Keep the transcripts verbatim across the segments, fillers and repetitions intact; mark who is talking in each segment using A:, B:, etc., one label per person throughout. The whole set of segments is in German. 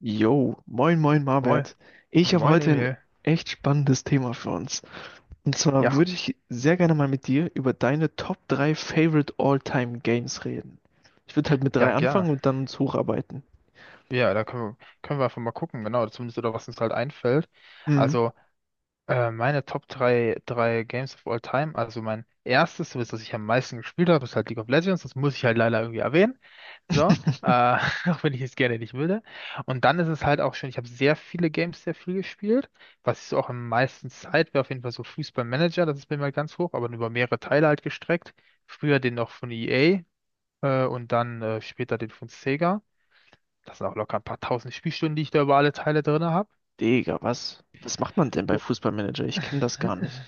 A: Yo, moin moin
B: Moin,
A: Marbert. Ich habe
B: moin
A: heute ein
B: Emil.
A: echt spannendes Thema für uns. Und zwar
B: Ja,
A: würde ich sehr gerne mal mit dir über deine Top drei Favorite All-Time Games reden. Ich würde halt mit
B: ja,
A: drei
B: gerne.
A: anfangen und dann uns hocharbeiten.
B: Ja, da können wir, können wir einfach mal gucken, genau, zumindest oder was uns halt einfällt.
A: Mhm.
B: Also, äh, meine Top drei drei Games of All Time, also mein erstes, so das ich am meisten gespielt habe, ist halt League of Legends, das muss ich halt leider irgendwie erwähnen. So, äh, auch wenn ich es gerne nicht würde. Und dann ist es halt auch schon, ich habe sehr viele Games sehr viel gespielt. Was ich so auch am meisten Zeit wäre, auf jeden Fall so Fußballmanager, das ist bei mir halt ganz hoch, aber über mehrere Teile halt gestreckt. Früher den noch von E A, äh, und dann äh, später den von Sega. Das sind auch locker ein paar tausend Spielstunden, die ich da über alle Teile drin habe.
A: Digga, was? Was macht man denn bei
B: Oh,
A: Fußballmanager? Ich kenne das gar nicht.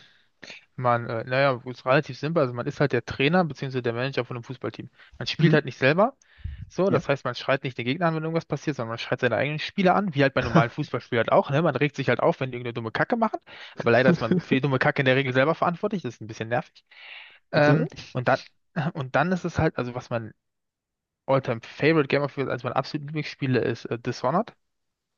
B: Man, äh, naja, ist relativ simpel. Also man ist halt der Trainer bzw. der Manager von einem Fußballteam. Man spielt
A: Mhm.
B: halt nicht selber. So,
A: Ja.
B: das heißt, man schreit nicht den Gegner an, wenn irgendwas passiert, sondern man schreit seine eigenen Spieler an, wie halt bei normalen Fußballspielern halt auch, ne? Man regt sich halt auf, wenn die irgendeine dumme Kacke machen. Aber leider ist man für die dumme Kacke in der Regel selber verantwortlich. Das ist ein bisschen nervig.
A: Bitte?
B: Ähm, und dann, und dann ist es halt, also was mein All-Time-Favorite Game of Thrones, eines meiner absoluten Lieblingsspiele ist, äh, Dishonored.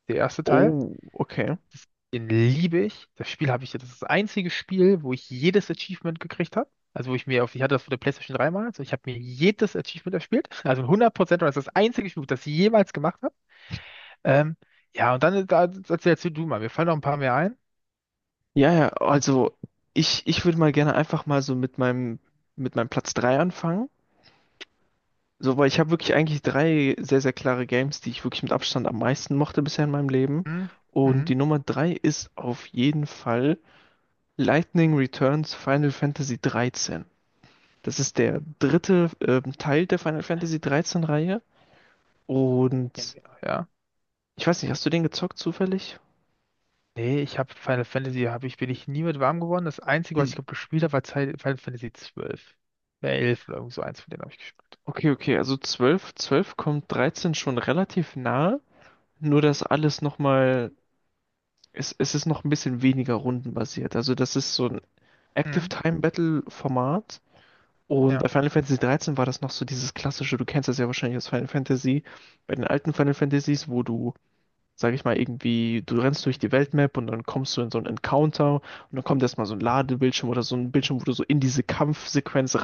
B: Der erste Teil,
A: Oh, okay.
B: das, den liebe ich. Das Spiel habe ich, das ist das einzige Spiel, wo ich jedes Achievement gekriegt habe. Also wo ich mir auf, ich hatte das für der PlayStation drei mal, also ich habe mir jedes Achievement erspielt. Also ein hundert Prozent, Prozent. Das ist das einzige Spiel, das ich jemals gemacht habe. Ähm, ja, und dann da, erzählst du mal, mir fallen noch ein paar mehr ein.
A: Ja, ja, also ich, ich würde mal gerne einfach mal so mit meinem, mit meinem Platz drei anfangen. So, weil ich habe wirklich eigentlich drei sehr, sehr klare Games, die ich wirklich mit Abstand am meisten mochte bisher in meinem Leben.
B: Hm,
A: Und die
B: mhm.
A: Nummer drei ist auf jeden Fall Lightning Returns Final Fantasy dreizehn. Das ist der dritte ähm, Teil der Final Fantasy dreizehn Reihe.
B: Ja,
A: Und
B: ja.
A: ich weiß nicht, hast du den gezockt zufällig?
B: Nee, ich habe Final Fantasy, hab ich, bin ich nie mit warm geworden. Das einzige, was ich
A: Hm.
B: glaub, gespielt habe, war Zeit Final Fantasy zwölf. Ja, elf oder irgend so eins von denen habe ich gespielt.
A: Okay, okay, also zwölf, zwölf kommt dreizehn schon relativ nahe, nur dass alles nochmal, es, es ist noch ein bisschen weniger rundenbasiert. Also das ist so ein Active
B: Mhm.
A: Time Battle Format. Und bei
B: Ja,
A: Final Fantasy dreizehn war das noch so dieses klassische, du kennst das ja wahrscheinlich aus Final Fantasy, bei den alten Final Fantasies, wo du, sag ich mal, irgendwie, du rennst durch die Weltmap und dann kommst du in so einen Encounter und dann kommt erstmal so ein Ladebildschirm oder so ein Bildschirm, wo du so in diese Kampfsequenz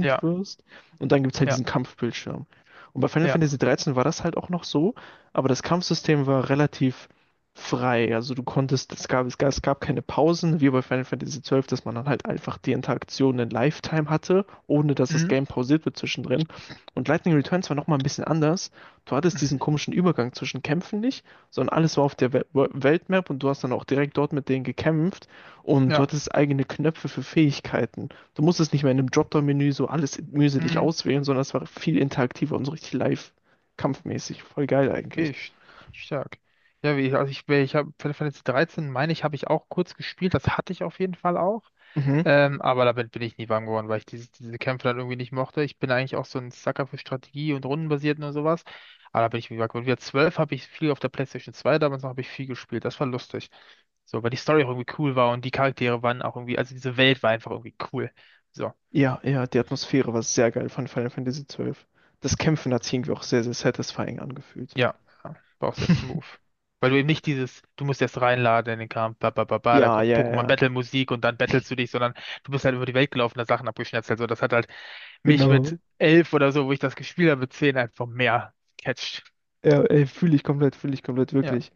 B: ja,
A: wirst und dann gibt's halt
B: ja,
A: diesen Kampfbildschirm. Und bei Final
B: ja.
A: Fantasy dreizehn war das halt auch noch so, aber das Kampfsystem war relativ frei. Also du konntest, es gab, es gab, es gab keine Pausen, wie bei Final Fantasy zwölf, dass man dann halt einfach die Interaktion in Lifetime hatte, ohne dass das
B: Mhm.
A: Game pausiert wird zwischendrin. Und Lightning Returns war nochmal ein bisschen anders. Du hattest diesen komischen Übergang zwischen Kämpfen nicht, sondern alles war auf der We Wo- Weltmap und du hast dann auch direkt dort mit denen gekämpft und du
B: Ja,
A: hattest eigene Knöpfe für Fähigkeiten. Du musstest nicht mehr in einem Dropdown-Menü so alles mühselig
B: mhm.
A: auswählen, sondern es war viel interaktiver und so richtig live kampfmäßig. Voll geil
B: Okay,
A: eigentlich.
B: st- stark. Ja, wie, also ich, ich habe Final Fantasy dreizehn, meine ich, habe ich auch kurz gespielt, das hatte ich auf jeden Fall auch.
A: Mhm.
B: Ähm, aber damit bin ich nie warm geworden, weil ich diese, diese Kämpfe dann irgendwie nicht mochte. Ich bin eigentlich auch so ein Sucker für Strategie und Rundenbasierten und sowas. Aber da bin ich wie warm geworden. Wieder zwölf habe ich viel auf der PlayStation zwei, damals noch habe ich viel gespielt. Das war lustig. So, weil die Story auch irgendwie cool war und die Charaktere waren auch irgendwie, also diese Welt war einfach irgendwie cool. So.
A: Ja, ja, die Atmosphäre war sehr geil von Final Fantasy zwölf. Das Kämpfen hat sich irgendwie auch sehr, sehr satisfying angefühlt.
B: Ja, ja, brauchst erst Move. Weil du eben nicht dieses, du musst erst reinladen in den Kampf, ba, ba, ba, ba, da
A: Ja,
B: kommt
A: ja, ja,
B: Pokémon
A: ja,
B: Battle Musik und dann battlest du dich, sondern du bist halt über die Welt gelaufen, da Sachen abgeschnetzelt. So, das hat halt mich
A: genau.
B: mit elf oder so, wo ich das gespielt habe, mit zehn einfach mehr catcht.
A: Ja, ey, fühle ich komplett, fühle ich komplett,
B: Ja.
A: wirklich.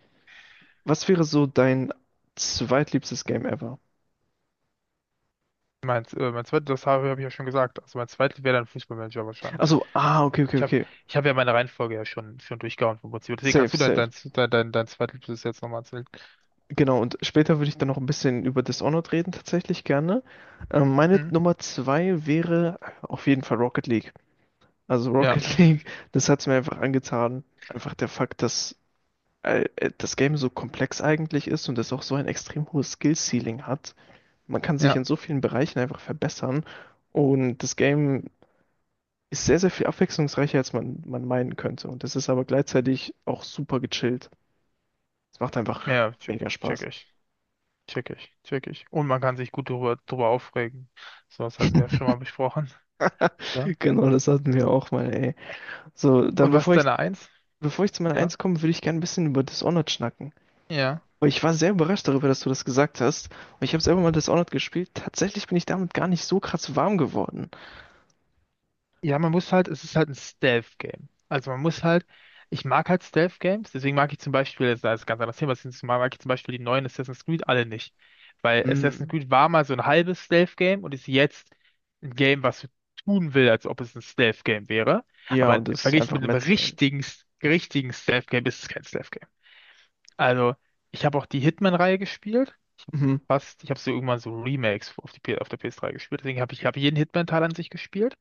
A: Was wäre so dein zweitliebstes Game ever?
B: Mein, äh, mein zweites, das habe, habe ich ja schon gesagt. Also mein zweites wäre dann Fußballmanager wahrscheinlich.
A: Also, ah, okay, okay,
B: Ich habe
A: okay.
B: ich hab ja meine Reihenfolge ja schon, schon durchgehauen vom Prinzip. Deswegen kannst
A: Safe,
B: du dein, dein,
A: safe.
B: dein, dein, dein zweites jetzt nochmal erzählen.
A: Genau, und später würde ich dann noch ein bisschen über Dishonored reden, tatsächlich gerne. Ähm, meine
B: Hm?
A: Nummer zwei wäre auf jeden Fall Rocket League. Also
B: Ja,
A: Rocket League, das hat es mir einfach angetan. Einfach der Fakt, dass äh, äh, das Game so komplex eigentlich ist und es auch so ein extrem hohes Skill-Ceiling hat. Man kann sich
B: ja,
A: in so vielen Bereichen einfach verbessern. Und das Game ist sehr, sehr viel abwechslungsreicher, als man, man meinen könnte. Und das ist aber gleichzeitig auch super gechillt. Es macht einfach
B: ja, check,
A: mega
B: check
A: Spaß.
B: ich. Check ich, check ich. Und man kann sich gut drüber, drüber aufregen. So, das hatten wir ja schon mal besprochen. Ja.
A: Genau, das hatten wir auch mal, ey. So, dann
B: Und was
A: bevor
B: ist
A: ich,
B: deine Eins?
A: bevor ich zu meiner
B: Ja.
A: Eins komme, würde ich gerne ein bisschen über Dishonored schnacken.
B: Ja.
A: Weil ich war sehr überrascht darüber, dass du das gesagt hast. Und ich habe selber mal Dishonored gespielt. Tatsächlich bin ich damit gar nicht so krass warm geworden.
B: Ja, man muss halt, es ist halt ein Stealth-Game. Also man muss halt, ich mag halt Stealth-Games, deswegen mag ich zum Beispiel, das ist ein ganz anderes Thema, deswegen mag ich zum Beispiel die neuen Assassin's Creed alle nicht. Weil Assassin's
A: Mm.
B: Creed war mal so ein halbes Stealth-Game und ist jetzt ein Game, was so tun will, als ob es ein Stealth-Game wäre.
A: Ja,
B: Aber
A: und das ist
B: verglichen
A: einfach
B: mit einem
A: Metzeln.
B: richtigen, richtigen Stealth-Game ist es kein Stealth-Game. Also, ich habe auch die Hitman-Reihe gespielt.
A: Mhm.
B: Fast, ich habe so irgendwann so Remakes auf die, P- auf der P S drei gespielt. Deswegen habe ich, hab jeden Hitman-Teil an sich gespielt.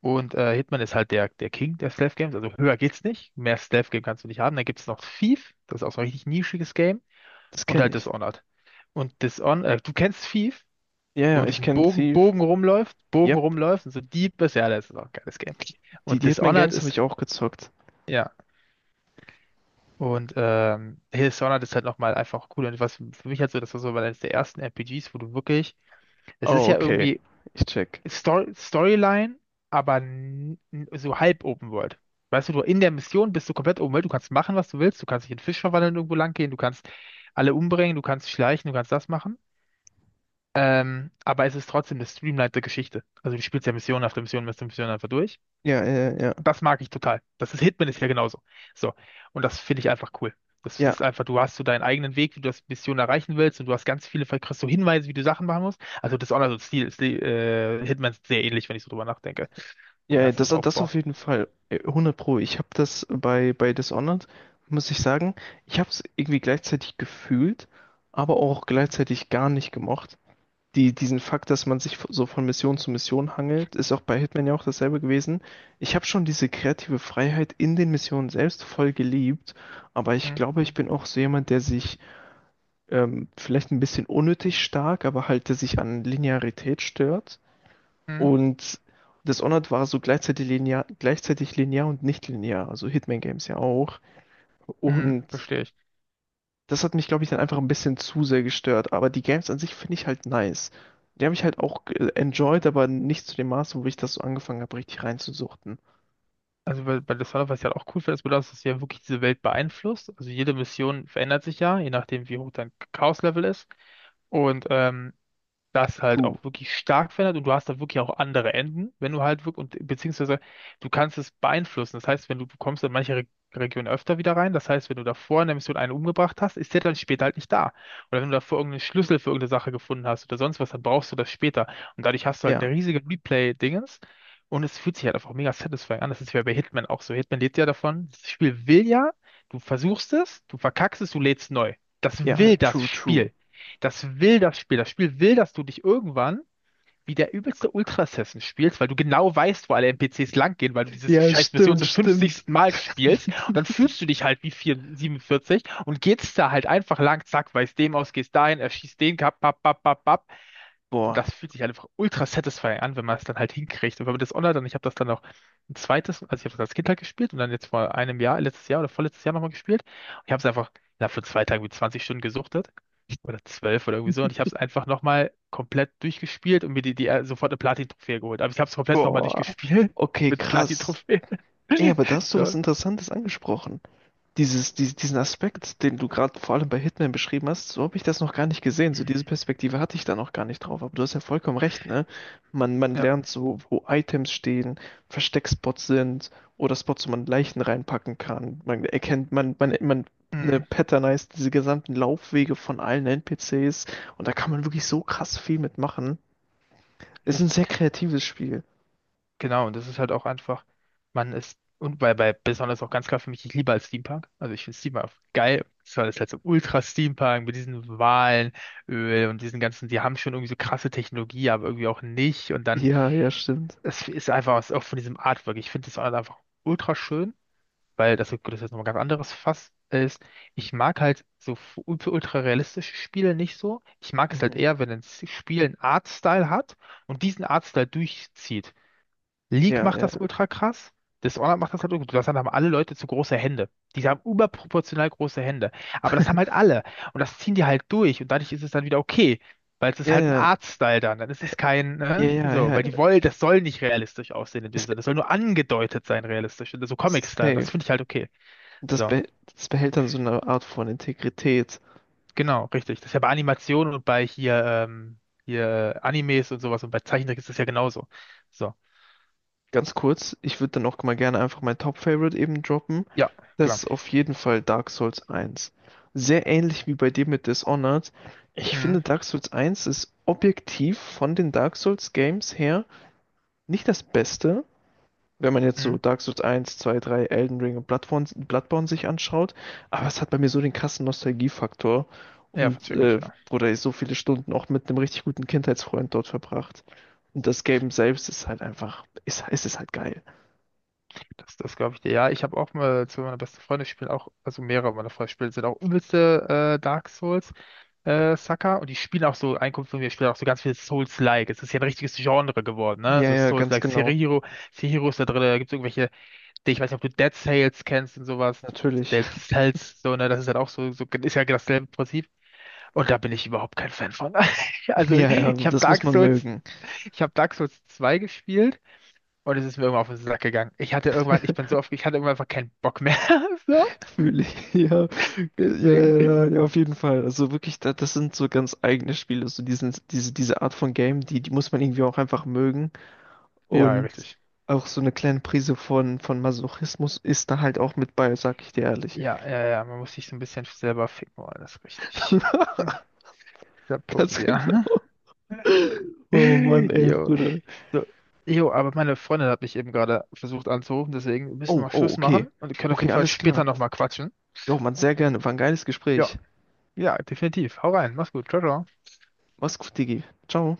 B: Und äh, Hitman ist halt der, der King der Stealth Games. Also höher geht's nicht. Mehr Stealth Game kannst du nicht haben. Dann gibt es noch Thief. Das ist auch so ein richtig nischiges Game.
A: Das
B: Und
A: kenne
B: halt
A: ich.
B: Dishonored. Und Dishonored, äh, du kennst Thief,
A: Ja,
B: wo
A: ja,
B: man
A: ich
B: diesen
A: kenne
B: Bogen,
A: Thief.
B: Bogen rumläuft, Bogen
A: Yep.
B: rumläuft und so Dieb ist. Ja, das ist auch ein geiles Game.
A: Die,
B: Und
A: die Hitman
B: Dishonored
A: Games habe
B: ist,
A: ich auch gezockt.
B: ja. Und ähm, Hell's Sauna ist halt nochmal einfach cool. Und was für mich halt so, das war so eines der ersten R P Gs, wo du wirklich, es ist
A: Oh,
B: ja
A: okay.
B: irgendwie
A: Ich check.
B: Story Storyline, aber n- n- so halb Open World. Weißt du, du in der Mission bist du komplett Open World, du kannst machen, was du willst, du kannst dich in Fisch verwandeln, irgendwo lang gehen, du kannst alle umbringen, du kannst schleichen, du kannst das machen. Ähm, aber es ist trotzdem eine streamlinete Geschichte. Also du spielst ja Mission nach der Mission, nach der Mission einfach durch.
A: Ja, ja, ja, ja,
B: Das mag ich total. Das ist Hitman ist ja genauso. So. Und das finde ich einfach cool. Das ist
A: ja,
B: einfach, du hast so deinen eigenen Weg, wie du das Mission erreichen willst und du hast ganz viele, vielleicht kriegst du Hinweise, wie du Sachen machen musst. Also das Honor, so Stil, Stil, äh, Hitman ist sehr ähnlich, wenn ich so drüber nachdenke. Vom
A: ja, ja, das,
B: ganzen
A: das auf
B: Aufbau.
A: jeden Fall. Äh, hundert Pro. Ich habe das bei, bei Dishonored, muss ich sagen, ich habe es irgendwie gleichzeitig gefühlt, aber auch gleichzeitig gar nicht gemocht. Die, diesen Fakt, dass man sich so von Mission zu Mission hangelt, ist auch bei Hitman ja auch dasselbe gewesen. Ich habe schon diese kreative Freiheit in den Missionen selbst voll geliebt, aber ich
B: Hm,
A: glaube, ich bin auch so jemand, der sich ähm, vielleicht ein bisschen unnötig stark, aber halt, der sich an Linearität stört.
B: hm,
A: Und Dishonored war so gleichzeitig linear, gleichzeitig linear und nicht linear, also Hitman Games ja auch.
B: hm,
A: Und
B: Verstehe ich.
A: das hat mich, glaube ich, dann einfach ein bisschen zu sehr gestört. Aber die Games an sich finde ich halt nice. Die habe ich halt auch äh, enjoyed, aber nicht zu dem Maße, wo ich das so angefangen habe, richtig reinzusuchten.
B: Also bei, bei Dishonored, was ich halt auch cool finde, ist, dass das ja wirklich diese Welt beeinflusst. Also jede Mission verändert sich ja, je nachdem, wie hoch dein Chaos-Level ist. Und ähm, das halt
A: True.
B: auch wirklich stark verändert und du hast da wirklich auch andere Enden, wenn du halt wirklich, und beziehungsweise du kannst es beeinflussen. Das heißt, wenn du, du kommst in manche Re Regionen öfter wieder rein, das heißt, wenn du davor in der Mission einen umgebracht hast, ist der dann später halt nicht da. Oder wenn du davor irgendeinen Schlüssel für irgendeine Sache gefunden hast oder sonst was, dann brauchst du das später. Und dadurch hast du halt
A: Ja,
B: eine riesige Replay-Dingens. Und es fühlt sich halt einfach mega satisfying an. Das ist ja bei Hitman auch so. Hitman lebt ja davon. Das Spiel will ja, du versuchst es, du verkackst es, du lädst neu. Das
A: ja,
B: will das
A: true, true.
B: Spiel. Das will das Spiel. Das Spiel will, dass du dich irgendwann wie der übelste Ultra-Assassin spielst, weil du genau weißt, wo alle N P Cs langgehen, weil du dieses
A: Ja,
B: scheiß Mission
A: stimmt,
B: zum
A: stimmt.
B: fünfzigsten. Mal spielst. Und dann fühlst du dich halt wie vier, siebenundvierzig und gehst da halt einfach lang, zack, weißt dem aus, gehst dahin, erschießt den, kap, pap, pap, pap, pap. Und
A: Boah,
B: das fühlt sich halt einfach ultra satisfying an, wenn man es dann halt hinkriegt. Und wenn man das online dann, ich habe das dann auch ein zweites, also ich habe das als Kind halt gespielt und dann jetzt vor einem Jahr, letztes Jahr oder vorletztes Jahr nochmal gespielt. Und ich habe es einfach ich habe für zwei Tage wie zwanzig Stunden gesuchtet oder zwölf oder irgendwie so. Und ich habe es einfach nochmal komplett durchgespielt und mir die, die äh, sofort eine Platin-Trophäe geholt. Aber ich habe es komplett nochmal
A: boah.
B: durchgespielt
A: Okay,
B: mit
A: krass.
B: Platin-Trophäe.
A: Ey, aber da hast du was
B: So.
A: Interessantes angesprochen. Dieses, dies- diesen Aspekt, den du gerade vor allem bei Hitman beschrieben hast, so habe ich das noch gar nicht gesehen. So diese Perspektive hatte ich da noch gar nicht drauf. Aber du hast ja vollkommen recht, ne? Man, man
B: Ja.
A: lernt so, wo Items stehen, Versteckspots sind oder Spots, wo man Leichen reinpacken kann. Man erkennt, man, man, man, ne,
B: Mhm.
A: patternized diese gesamten Laufwege von allen N P Cs und da kann man wirklich so krass viel mitmachen. Ist ein sehr
B: Richtig,
A: kreatives Spiel.
B: genau. Und das ist halt auch einfach, man ist, und bei, bei besonders auch ganz klar für mich, ich liebe halt Steampunk. Also ich finde Steampunk geil. Das war das halt so Ultra-Steampunk mit diesen Walenöl und diesen ganzen, die haben schon irgendwie so krasse Technologie, aber irgendwie auch nicht. Und dann,
A: Ja, ja, stimmt.
B: es ist einfach was auch von diesem Artwork. Ich finde das halt einfach ultra schön. Weil das, gut, das ist nochmal ganz anderes Fass ist. Ich mag halt so fu- ultra realistische Spiele nicht so. Ich mag es halt
A: Mhm.
B: eher, wenn ein S- Spiel einen Artstyle hat und diesen Artstyle durchzieht. League
A: Ja,
B: macht
A: ja,
B: das ultra krass. Dishonored macht das halt, ultra- das haben alle Leute zu große Hände. Die haben überproportional große Hände. Aber das haben halt alle. Und das ziehen die halt durch. Und dadurch ist es dann wieder okay. Weil es
A: ja,
B: ist halt ein
A: ja,
B: Artstyle dann. Dann ist es kein,
A: ja,
B: ne?
A: ja,
B: So,
A: ja.
B: weil die wollen, das soll nicht realistisch aussehen in dem
A: Ist,
B: Sinne. Das soll nur angedeutet sein, realistisch. So Comic-Style. Das
A: safe.
B: finde ich halt okay.
A: Das,
B: So,
A: beh- das behält dann so eine Art von Integrität.
B: genau, richtig. Das ist ja bei Animationen und bei hier, ähm, hier äh, Animes und sowas und bei Zeichentrick ist das ja genauso. So,
A: Ganz kurz, ich würde dann auch mal gerne einfach mein Top-Favorite eben droppen.
B: ja,
A: Das
B: klar.
A: ist auf jeden Fall Dark Souls eins. Sehr ähnlich wie bei dir mit Dishonored. Ich
B: Mhm.
A: finde, Dark Souls eins ist objektiv von den Dark Souls Games her nicht das Beste, wenn man jetzt so
B: Mhm.
A: Dark Souls eins, zwei, drei, Elden Ring und Bloodborne, Bloodborne sich anschaut. Aber es hat bei mir so den krassen Nostalgiefaktor
B: Ja,
A: und
B: vercheck ich,
A: äh,
B: ja.
A: wurde so viele Stunden auch mit einem richtig guten Kindheitsfreund dort verbracht. Und das Game selbst ist halt einfach, ist, ist es halt geil.
B: Das, das glaube ich dir. Ja, ich habe auch mal zu meiner besten Freundin spielen auch, also mehrere meiner Freunde spielen, sind auch übelste äh, Dark Souls äh, Sucker und die spielen auch so, ein Kumpel von mir spielt auch so ganz viel Souls-like. Es ist ja ein richtiges Genre geworden, ne?
A: Ja,
B: So
A: ja, ganz
B: Souls-like,
A: genau.
B: Sekiro, Sekiro ist da drin, da gibt es irgendwelche, ich weiß nicht, ob du Dead Sales kennst und sowas.
A: Natürlich.
B: Dead Cells, so, ne, das ist halt auch so, so, ist ja dasselbe Prinzip. Und da bin ich überhaupt kein Fan von. Also,
A: Ja, ja,
B: ich habe
A: das muss
B: Dark
A: man
B: Souls,
A: mögen.
B: ich habe Dark Souls zwei gespielt und es ist mir irgendwann auf den Sack gegangen. Ich hatte irgendwann, ich bin so oft, ich hatte irgendwann einfach keinen Bock mehr. So,
A: Fühle ich. Ja, ja,
B: deswegen.
A: ja, ja, auf jeden Fall. Also wirklich, da, das sind so ganz eigene Spiele. So diesen, diese, diese Art von Game, die, die muss man irgendwie auch einfach mögen.
B: Ja, ja,
A: Und
B: richtig.
A: auch so eine kleine Prise von, von Masochismus ist da halt auch mit bei, sag ich dir ehrlich.
B: Ja, ja, ja, man muss sich so ein bisschen selber ficken wollen, das ist richtig. Das ist der Punkt,
A: Ganz genau.
B: ja.
A: Oh Mann, ey,
B: Jo,
A: Bruder.
B: so, jo, aber meine Freundin hat mich eben gerade versucht anzurufen, deswegen müssen
A: Oh,
B: wir
A: oh,
B: Schluss
A: okay.
B: machen und wir können auf
A: Okay,
B: jeden Fall
A: alles
B: später
A: klar.
B: nochmal quatschen.
A: Jo, Mann, sehr gerne. War ein geiles
B: Ja,
A: Gespräch.
B: ja, definitiv. Hau rein, mach's gut. Ciao, ciao.
A: Mach's gut, Digi. Ciao.